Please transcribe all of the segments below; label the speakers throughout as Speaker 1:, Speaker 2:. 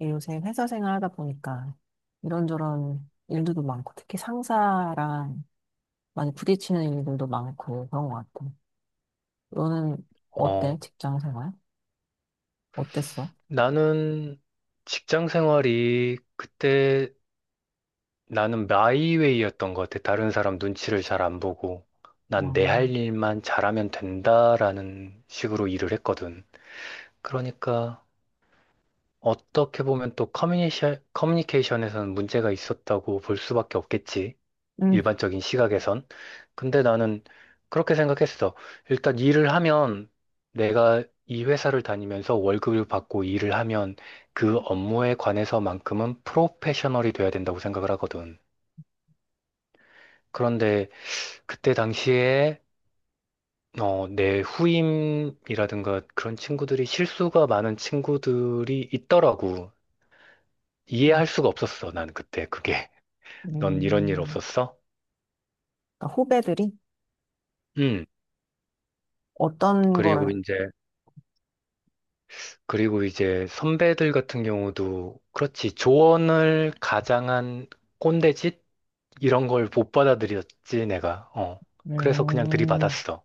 Speaker 1: 예, 요새 회사 생활하다 보니까 이런저런 일들도 많고 특히 상사랑 많이 부딪히는 일들도 많고 그런 것 같아. 너는
Speaker 2: 어,
Speaker 1: 어때? 직장 생활? 어땠어?
Speaker 2: 나는 직장 생활이 그때 나는 마이웨이였던 것 같아. 다른 사람 눈치를 잘 안 보고 난 내 할
Speaker 1: 음,
Speaker 2: 일만 잘하면 된다라는 식으로 일을 했거든. 그러니까 어떻게 보면 또 커뮤니케이션, 커뮤니케이션에서는 문제가 있었다고 볼 수밖에 없겠지.
Speaker 1: 음,
Speaker 2: 일반적인 시각에선. 근데 나는 그렇게 생각했어. 일단 일을 하면 내가 이 회사를 다니면서 월급을 받고 일을 하면 그 업무에 관해서만큼은 프로페셔널이 돼야 된다고 생각을 하거든. 그런데 그때 당시에 내 후임이라든가 그런 친구들이 실수가 많은 친구들이 있더라고.
Speaker 1: 음,
Speaker 2: 이해할 수가 없었어, 난 그때 그게. 넌 이런 일
Speaker 1: 음.
Speaker 2: 없었어?
Speaker 1: 그러니까 후배들이
Speaker 2: 응.
Speaker 1: 어떤
Speaker 2: 그리고
Speaker 1: 거를
Speaker 2: 이제 그리고 이제 선배들 같은 경우도 그렇지, 조언을 가장한 꼰대짓 이런 걸 못 받아들였지 내가. 그래서 그냥
Speaker 1: 음,
Speaker 2: 들이받았어.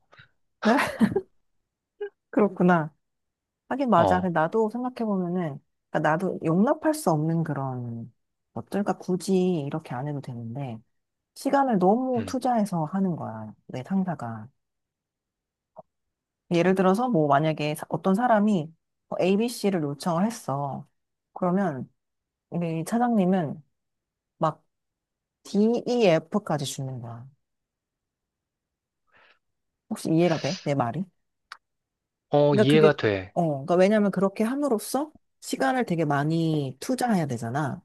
Speaker 1: 네? 그렇구나. 하긴 맞아.
Speaker 2: 어.
Speaker 1: 근데 나도 생각해 보면은 나도 용납할 수 없는 그런 것들. 그러니까 굳이 이렇게 안 해도 되는데. 시간을 너무
Speaker 2: 음.
Speaker 1: 투자해서 하는 거야, 내 상사가. 예를 들어서 뭐 만약에 어떤 사람이 ABC를 요청을 했어. 그러면 우리 차장님은 막 D, E, F까지 주는 거야. 혹시 이해가 돼? 내 말이?
Speaker 2: 어,
Speaker 1: 그러니까 그게
Speaker 2: 이해가 돼.
Speaker 1: 그러니까 왜냐면 그렇게 함으로써 시간을 되게 많이 투자해야 되잖아.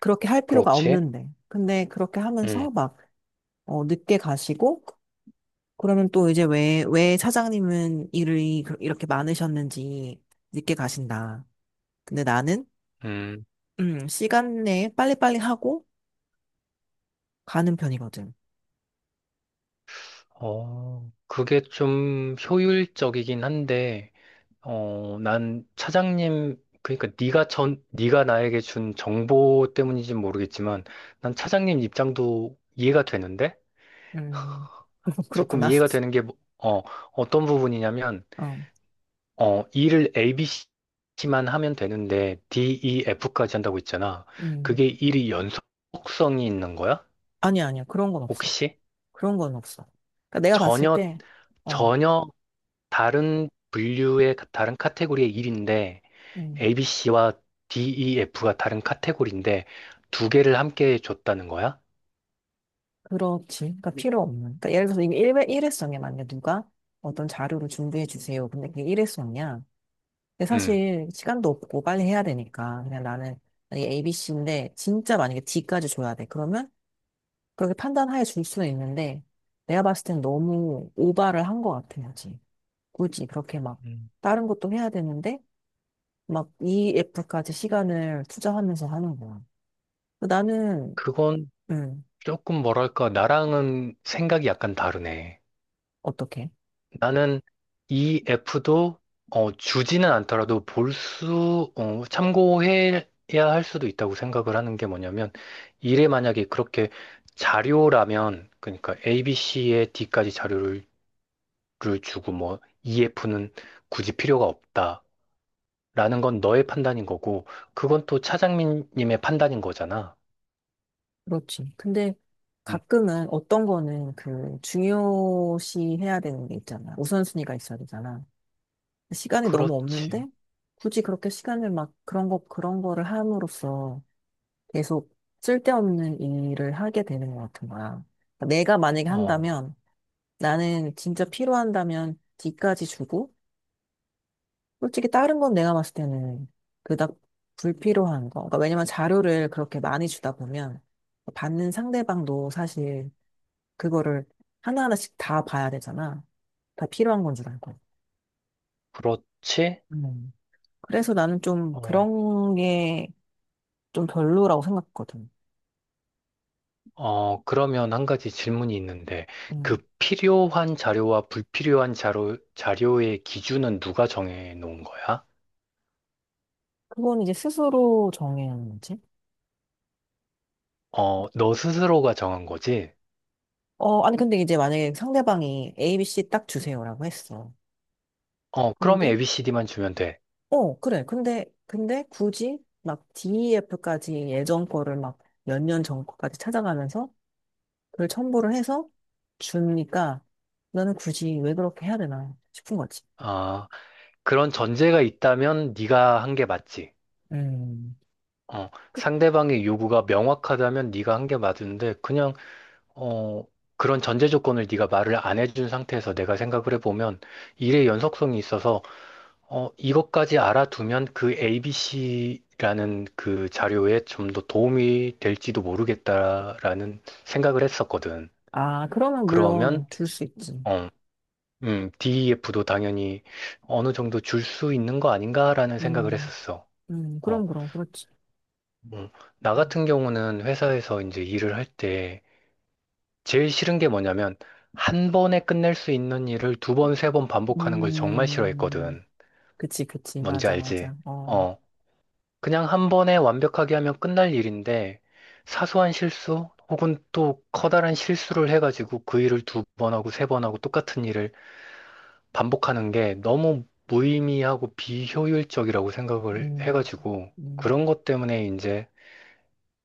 Speaker 1: 그렇게 할 필요가
Speaker 2: 그렇지.
Speaker 1: 없는데. 근데 그렇게 하면서
Speaker 2: 음.
Speaker 1: 막 늦게 가시고, 그러면 또 이제 왜 차장님은 일이 이렇게 많으셨는지 늦게 가신다. 근데 나는
Speaker 2: 음.
Speaker 1: 시간 내에 빨리빨리 하고 가는 편이거든.
Speaker 2: 어, 그게 좀 효율적이긴 한데, 어 난 차장님 그러니까 네가 나에게 준 정보 때문인지는 모르겠지만 난 차장님 입장도 이해가 되는데,
Speaker 1: 음,
Speaker 2: 조금
Speaker 1: 그렇구나.
Speaker 2: 이해가 되는 게, 어떤 부분이냐면,
Speaker 1: 어,
Speaker 2: 어, E를 ABC만 하면 되는데, DEF까지 한다고 했잖아.
Speaker 1: 음.
Speaker 2: 그게 일이 연속성이 있는 거야?
Speaker 1: 아니야, 아니야. 그런 건 없어.
Speaker 2: 혹시?
Speaker 1: 그런 건 없어. 그러니까 내가 봤을
Speaker 2: 전혀,
Speaker 1: 때, 어,
Speaker 2: 전혀 다른 분류의, 다른 카테고리의 일인데,
Speaker 1: 음,
Speaker 2: ABC와 DEF가 다른 카테고리인데, 두 개를 함께 줬다는 거야?
Speaker 1: 그렇지. 그러니까 필요 없는. 그러니까 예를 들어서 이게 일회성이야. 만약에 누가 어떤 자료를 준비해 주세요. 근데 그게 일회성이야. 근데
Speaker 2: 음.
Speaker 1: 사실 시간도 없고 빨리 해야 되니까. 그냥 나는, 만약에 ABC인데, 진짜 만약에 D까지 줘야 돼. 그러면 그렇게 판단하에 줄 수는 있는데, 내가 봤을 땐 너무 오바를 한 것 같아요. 지 굳이 그렇게 막,
Speaker 2: 음.
Speaker 1: 다른 것도 해야 되는데, 막 EF까지 시간을 투자하면서 하는 거야. 나는,
Speaker 2: 그건
Speaker 1: 음,
Speaker 2: 조금 뭐랄까, 나랑은 생각이 약간 다르네.
Speaker 1: 어떻게?
Speaker 2: 나는 EF도 주지는 않더라도 참고해야 할 수도 있다고 생각을 하는 게 뭐냐면, 이래 만약에 그렇게 자료라면, 그러니까 ABC에 D까지 자료를 를 주고 뭐 EF는 굳이 필요가 없다라는 건 너의 판단인 거고, 그건 또 차장님의 판단인 거잖아.
Speaker 1: 그렇지. 근데
Speaker 2: 음,
Speaker 1: 가끔은 어떤 거는 그 중요시 해야 되는 게 있잖아. 우선순위가 있어야 되잖아. 시간이 너무
Speaker 2: 그렇지.
Speaker 1: 없는데, 굳이 그렇게 시간을 막 그런 거, 그런 거를 함으로써 계속 쓸데없는 일을 하게 되는 것 같은 거야. 그러니까 내가 만약에
Speaker 2: 어,
Speaker 1: 한다면 나는 진짜 필요한다면 뒤까지 주고, 솔직히 다른 건 내가 봤을 때는 그닥 불필요한 거. 그러니까 왜냐면 자료를 그렇게 많이 주다 보면 받는 상대방도 사실 그거를 하나하나씩 다 봐야 되잖아. 다 필요한 건 줄 알고.
Speaker 2: 그렇지.
Speaker 1: 음. 그래서 나는 좀 그런 게 좀 별로라고 생각했거든.
Speaker 2: 어, 그러면 한 가지 질문이 있는데, 그
Speaker 1: 음.
Speaker 2: 필요한 자료와 불필요한 자료, 자료의 기준은 누가 정해 놓은 거야?
Speaker 1: 그건 이제 스스로 정해야 하는 문제?
Speaker 2: 어, 너 스스로가 정한 거지?
Speaker 1: 아니, 근데 이제 만약에 상대방이 ABC 딱 주세요라고 했어.
Speaker 2: 어, 그러면
Speaker 1: 근데,
Speaker 2: ABCD만 주면 돼.
Speaker 1: 어, 그래. 근데 굳이 막 DEF까지 예전 거를 막 몇 년 전 거까지 찾아가면서 그걸 첨부를 해서 주니까 나는 굳이 왜 그렇게 해야 되나 싶은 거지.
Speaker 2: 아, 그런 전제가 있다면 네가 한 게 맞지.
Speaker 1: 음.
Speaker 2: 어,
Speaker 1: 그-
Speaker 2: 상대방의 요구가 명확하다면 네가 한 게 맞는데, 그냥, 어, 그런 전제 조건을 네가 말을 안 해준 상태에서 내가 생각을 해보면 일의 연속성이 있어서, 이것까지 알아두면 그 ABC라는 그 자료에 좀 더 도움이 될지도 모르겠다라는 생각을 했었거든.
Speaker 1: 아, 그러면
Speaker 2: 그러면,
Speaker 1: 물론 줄 수 있지.
Speaker 2: 어, DEF도 당연히 어느 정도 줄 수 있는 거 아닌가라는 생각을
Speaker 1: 음,
Speaker 2: 했었어. 어,
Speaker 1: 그럼, 그럼, 그렇지.
Speaker 2: 음, 나 같은 경우는 회사에서 이제 일을 할 때 제일 싫은 게 뭐냐면, 한 번에 끝낼 수 있는 일을 두 번, 세 번 반복하는 걸 정말
Speaker 1: 음,
Speaker 2: 싫어했거든.
Speaker 1: 그치, 그치.
Speaker 2: 뭔지
Speaker 1: 맞아,
Speaker 2: 알지?
Speaker 1: 맞아. 어,
Speaker 2: 어, 그냥 한 번에 완벽하게 하면 끝날 일인데, 사소한 실수 혹은 또 커다란 실수를 해가지고 그 일을 두 번 하고 세 번 하고 똑같은 일을 반복하는 게 너무 무의미하고 비효율적이라고 생각을
Speaker 1: 음,
Speaker 2: 해가지고,
Speaker 1: 음,
Speaker 2: 그런 것 때문에 이제,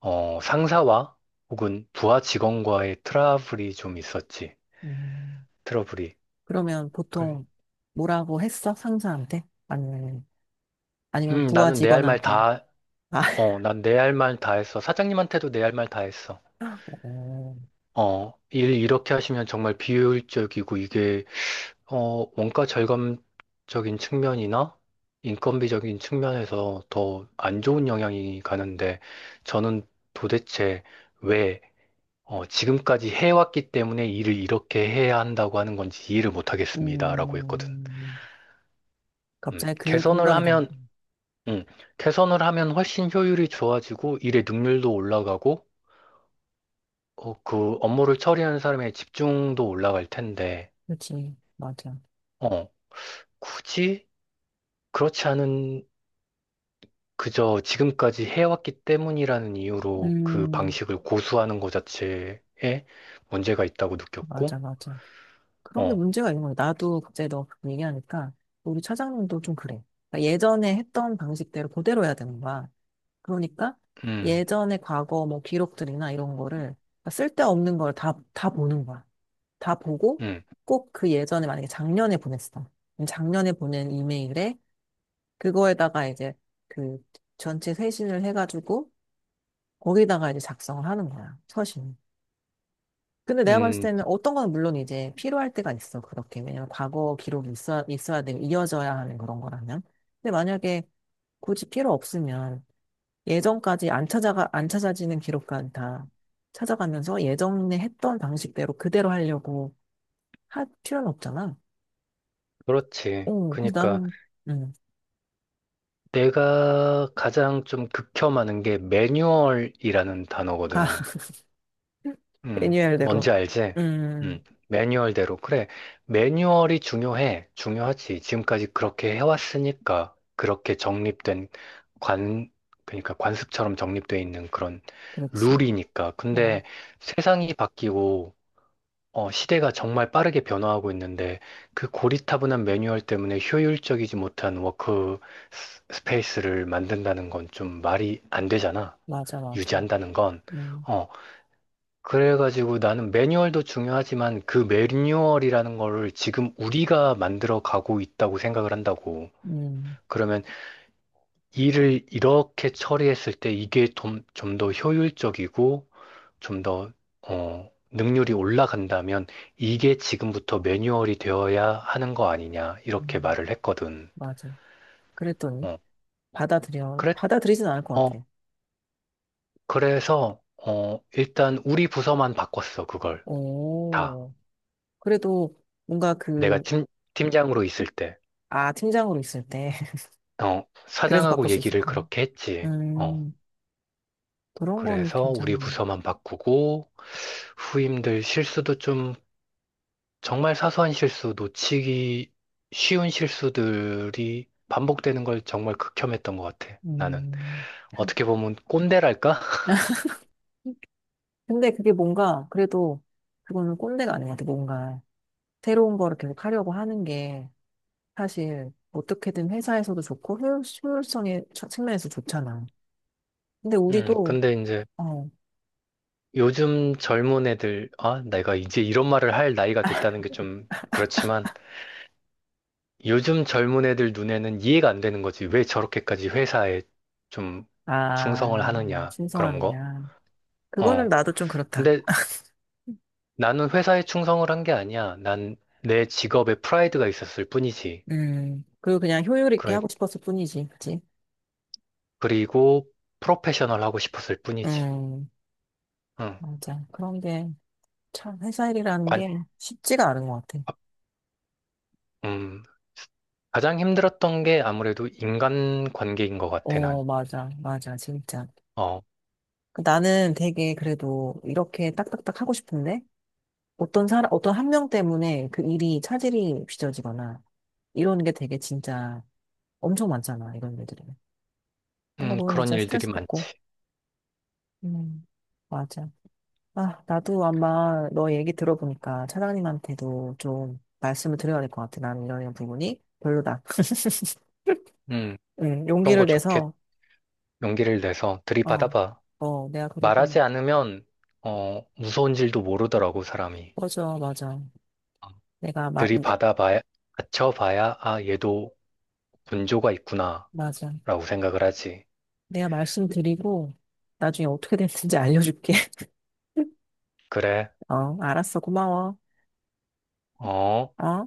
Speaker 2: 상사와 혹은 부하 직원과의 트러블이 좀 있었지.
Speaker 1: 음.
Speaker 2: 트러블이.
Speaker 1: 그러면
Speaker 2: 그래.
Speaker 1: 보통 뭐라고 했어? 상사한테? 아니면 부하
Speaker 2: 나는 내 할 말
Speaker 1: 직원한테?
Speaker 2: 다,
Speaker 1: 아,
Speaker 2: 어, 난 내 할 말 다 했어. 사장님한테도 내 할 말 다 했어.
Speaker 1: 어,
Speaker 2: 일 이렇게 하시면 정말 비효율적이고, 이게 원가 절감적인 측면이나 인건비적인 측면에서 더 안 좋은 영향이 가는데 저는 도대체 왜 지금까지 해왔기 때문에 일을 이렇게 해야 한다고 하는 건지 이해를 못 하겠습니다라고 했거든.
Speaker 1: 음,
Speaker 2: 음,
Speaker 1: 갑자기 그
Speaker 2: 개선을
Speaker 1: 공감이 가네.
Speaker 2: 하면 음, 개선을 하면 훨씬 효율이 좋아지고 일의 능률도 올라가고, 그 업무를 처리하는 사람의 집중도 올라갈 텐데
Speaker 1: 그렇지, 맞아.
Speaker 2: 어, 굳이 그렇지 않은, 그저 지금까지 해왔기 때문이라는 이유로 그
Speaker 1: 음,
Speaker 2: 방식을 고수하는 것 자체에 문제가 있다고
Speaker 1: 맞아,
Speaker 2: 느꼈고.
Speaker 1: 맞아. 그런 게
Speaker 2: 어.
Speaker 1: 문제가 있는 거야. 나도 갑자기 너 그렇게 얘기하니까 우리 차장님도 좀 그래. 그러니까 예전에 했던 방식대로 그대로 해야 되는 거야. 그러니까
Speaker 2: 음.
Speaker 1: 예전에 과거 뭐 기록들이나 이런 거를, 쓸데없는 걸 다 보는 거야. 다 보고,
Speaker 2: 음.
Speaker 1: 꼭 그 예전에 만약에 작년에 보냈어. 그럼 작년에 보낸 이메일에, 그거에다가 이제 그 전체 회신을 해가지고 거기다가 이제 작성을 하는 거야. 서신. 근데 내가 봤을
Speaker 2: 음.
Speaker 1: 때는 어떤 거는 물론 이제 필요할 때가 있어. 그렇게. 왜냐면 과거 기록이 있어야 되고 이어져야 하는 그런 거라면. 근데 만약에 굳이 필요 없으면 예전까지 안 찾아가, 안 찾아지는 기록까지 다 찾아가면서 예전에 했던 방식대로 그대로 하려고 할 필요는 없잖아.
Speaker 2: 그렇지.
Speaker 1: 그래서
Speaker 2: 그러니까
Speaker 1: 나는, 음,
Speaker 2: 내가 가장 좀 극혐하는 게 매뉴얼이라는
Speaker 1: 아,
Speaker 2: 단어거든.
Speaker 1: 매뉴얼대로.
Speaker 2: 뭔지 알지? 음,
Speaker 1: 음,
Speaker 2: 매뉴얼대로. 그래, 매뉴얼이 중요해. 중요하지. 지금까지 그렇게 해왔으니까, 그렇게 정립된 관, 그러니까 관습처럼 정립되어 있는 그런
Speaker 1: 그렇지.
Speaker 2: 룰이니까.
Speaker 1: 아,
Speaker 2: 근데 세상이 바뀌고, 시대가 정말 빠르게 변화하고 있는데, 그 고리타분한 매뉴얼 때문에 효율적이지 못한 워크 스페이스를 만든다는 건 좀 말이 안 되잖아.
Speaker 1: 맞아, 맞아.
Speaker 2: 유지한다는 건.
Speaker 1: 음,
Speaker 2: 어, 그래가지고 나는 매뉴얼도 중요하지만 그 매뉴얼이라는 거를 지금 우리가 만들어 가고 있다고 생각을 한다고.
Speaker 1: 음,
Speaker 2: 그러면 일을 이렇게 처리했을 때 이게 좀 더 효율적이고 좀 더, 능률이 올라간다면, 이게 지금부터 매뉴얼이 되어야 하는 거 아니냐, 이렇게
Speaker 1: 음,
Speaker 2: 말을 했거든.
Speaker 1: 맞아. 그랬더니,
Speaker 2: 어, 그래,
Speaker 1: 받아들이진 않을 것
Speaker 2: 어,
Speaker 1: 같아.
Speaker 2: 그래서, 일단 우리 부서만 바꿨어, 그걸. 다.
Speaker 1: 오, 그래도 뭔가
Speaker 2: 내가
Speaker 1: 그,
Speaker 2: 팀장으로 있을 때.
Speaker 1: 아, 팀장으로 있을 때, 그래서
Speaker 2: 사장하고
Speaker 1: 바꿀 수
Speaker 2: 얘기를
Speaker 1: 있었구나.
Speaker 2: 그렇게 했지.
Speaker 1: 음, 그런 건
Speaker 2: 그래서 우리
Speaker 1: 괜찮네.
Speaker 2: 부서만 바꾸고 후임들 실수도 좀, 정말 사소한 실수, 놓치기 쉬운 실수들이 반복되는 걸 정말 극혐했던 것 같아. 나는
Speaker 1: 음.
Speaker 2: 어떻게 보면 꼰대랄까?
Speaker 1: 근데 그게 뭔가, 그래도, 그거는 꼰대가 아닌 것 같아. 뭔가 새로운 거를 계속 하려고 하는 게, 사실 어떻게든 회사에서도 좋고 효율성의 측면에서 좋잖아. 근데 우리도
Speaker 2: 근데 이제
Speaker 1: 어,
Speaker 2: 요즘 젊은 애들, 아, 내가 이제 이런 말을 할 나이가 됐다는 게 좀 그렇지만, 요즘 젊은 애들 눈에는 이해가 안 되는 거지. 왜 저렇게까지 회사에 좀
Speaker 1: 아,
Speaker 2: 충성을 하느냐, 그런 거.
Speaker 1: 신성하느냐. 그거는
Speaker 2: 어.
Speaker 1: 나도 좀 그렇다.
Speaker 2: 근데 나는 회사에 충성을 한 게 아니야. 난 내 직업에 프라이드가 있었을 뿐이지.
Speaker 1: 그리고 그냥 효율 있게
Speaker 2: 그래,
Speaker 1: 하고 싶었을 뿐이지, 그치?
Speaker 2: 그리고 프로페셔널 하고 싶었을 뿐이지.
Speaker 1: 음,
Speaker 2: 응.
Speaker 1: 맞아. 그런 게 참 회사 일이라는
Speaker 2: 관,
Speaker 1: 게 쉽지가 않은 것 같아.
Speaker 2: 음. 가장 힘들었던 게 아무래도 인간 관계인 것 같아,
Speaker 1: 어,
Speaker 2: 난.
Speaker 1: 맞아, 맞아, 진짜.
Speaker 2: 어.
Speaker 1: 그 나는 되게 그래도 이렇게 딱딱딱 하고 싶은데, 어떤 사람, 어떤 한 명 때문에 그 일이 차질이 빚어지거나 이러는 게 되게 진짜 엄청 많잖아, 이런 애들이. 그런 거 보면
Speaker 2: 그런
Speaker 1: 진짜
Speaker 2: 일들이
Speaker 1: 스트레스 받고.
Speaker 2: 많지.
Speaker 1: 음, 맞아. 아, 나도 아마 너 얘기 들어보니까 차장님한테도 좀 말씀을 드려야 될 것 같아. 나는 이런 이런 부분이 별로다.
Speaker 2: 음.
Speaker 1: 응,
Speaker 2: 그런 거
Speaker 1: 용기를
Speaker 2: 좋게,
Speaker 1: 내서,
Speaker 2: 용기를 내서
Speaker 1: 어,
Speaker 2: 들이받아봐.
Speaker 1: 내가 그러고,
Speaker 2: 말하지 않으면 무서운 줄도 모르더라고 사람이.
Speaker 1: 맞아, 맞아.
Speaker 2: 어,
Speaker 1: 내가,
Speaker 2: 들이받아봐야 받쳐봐야 아 얘도 분조가 있구나라고
Speaker 1: 맞아.
Speaker 2: 생각을 하지.
Speaker 1: 내가 말씀드리고, 나중에 어떻게 됐는지 알려줄게.
Speaker 2: 그래.
Speaker 1: 어, 알았어. 고마워.
Speaker 2: 어.
Speaker 1: 어?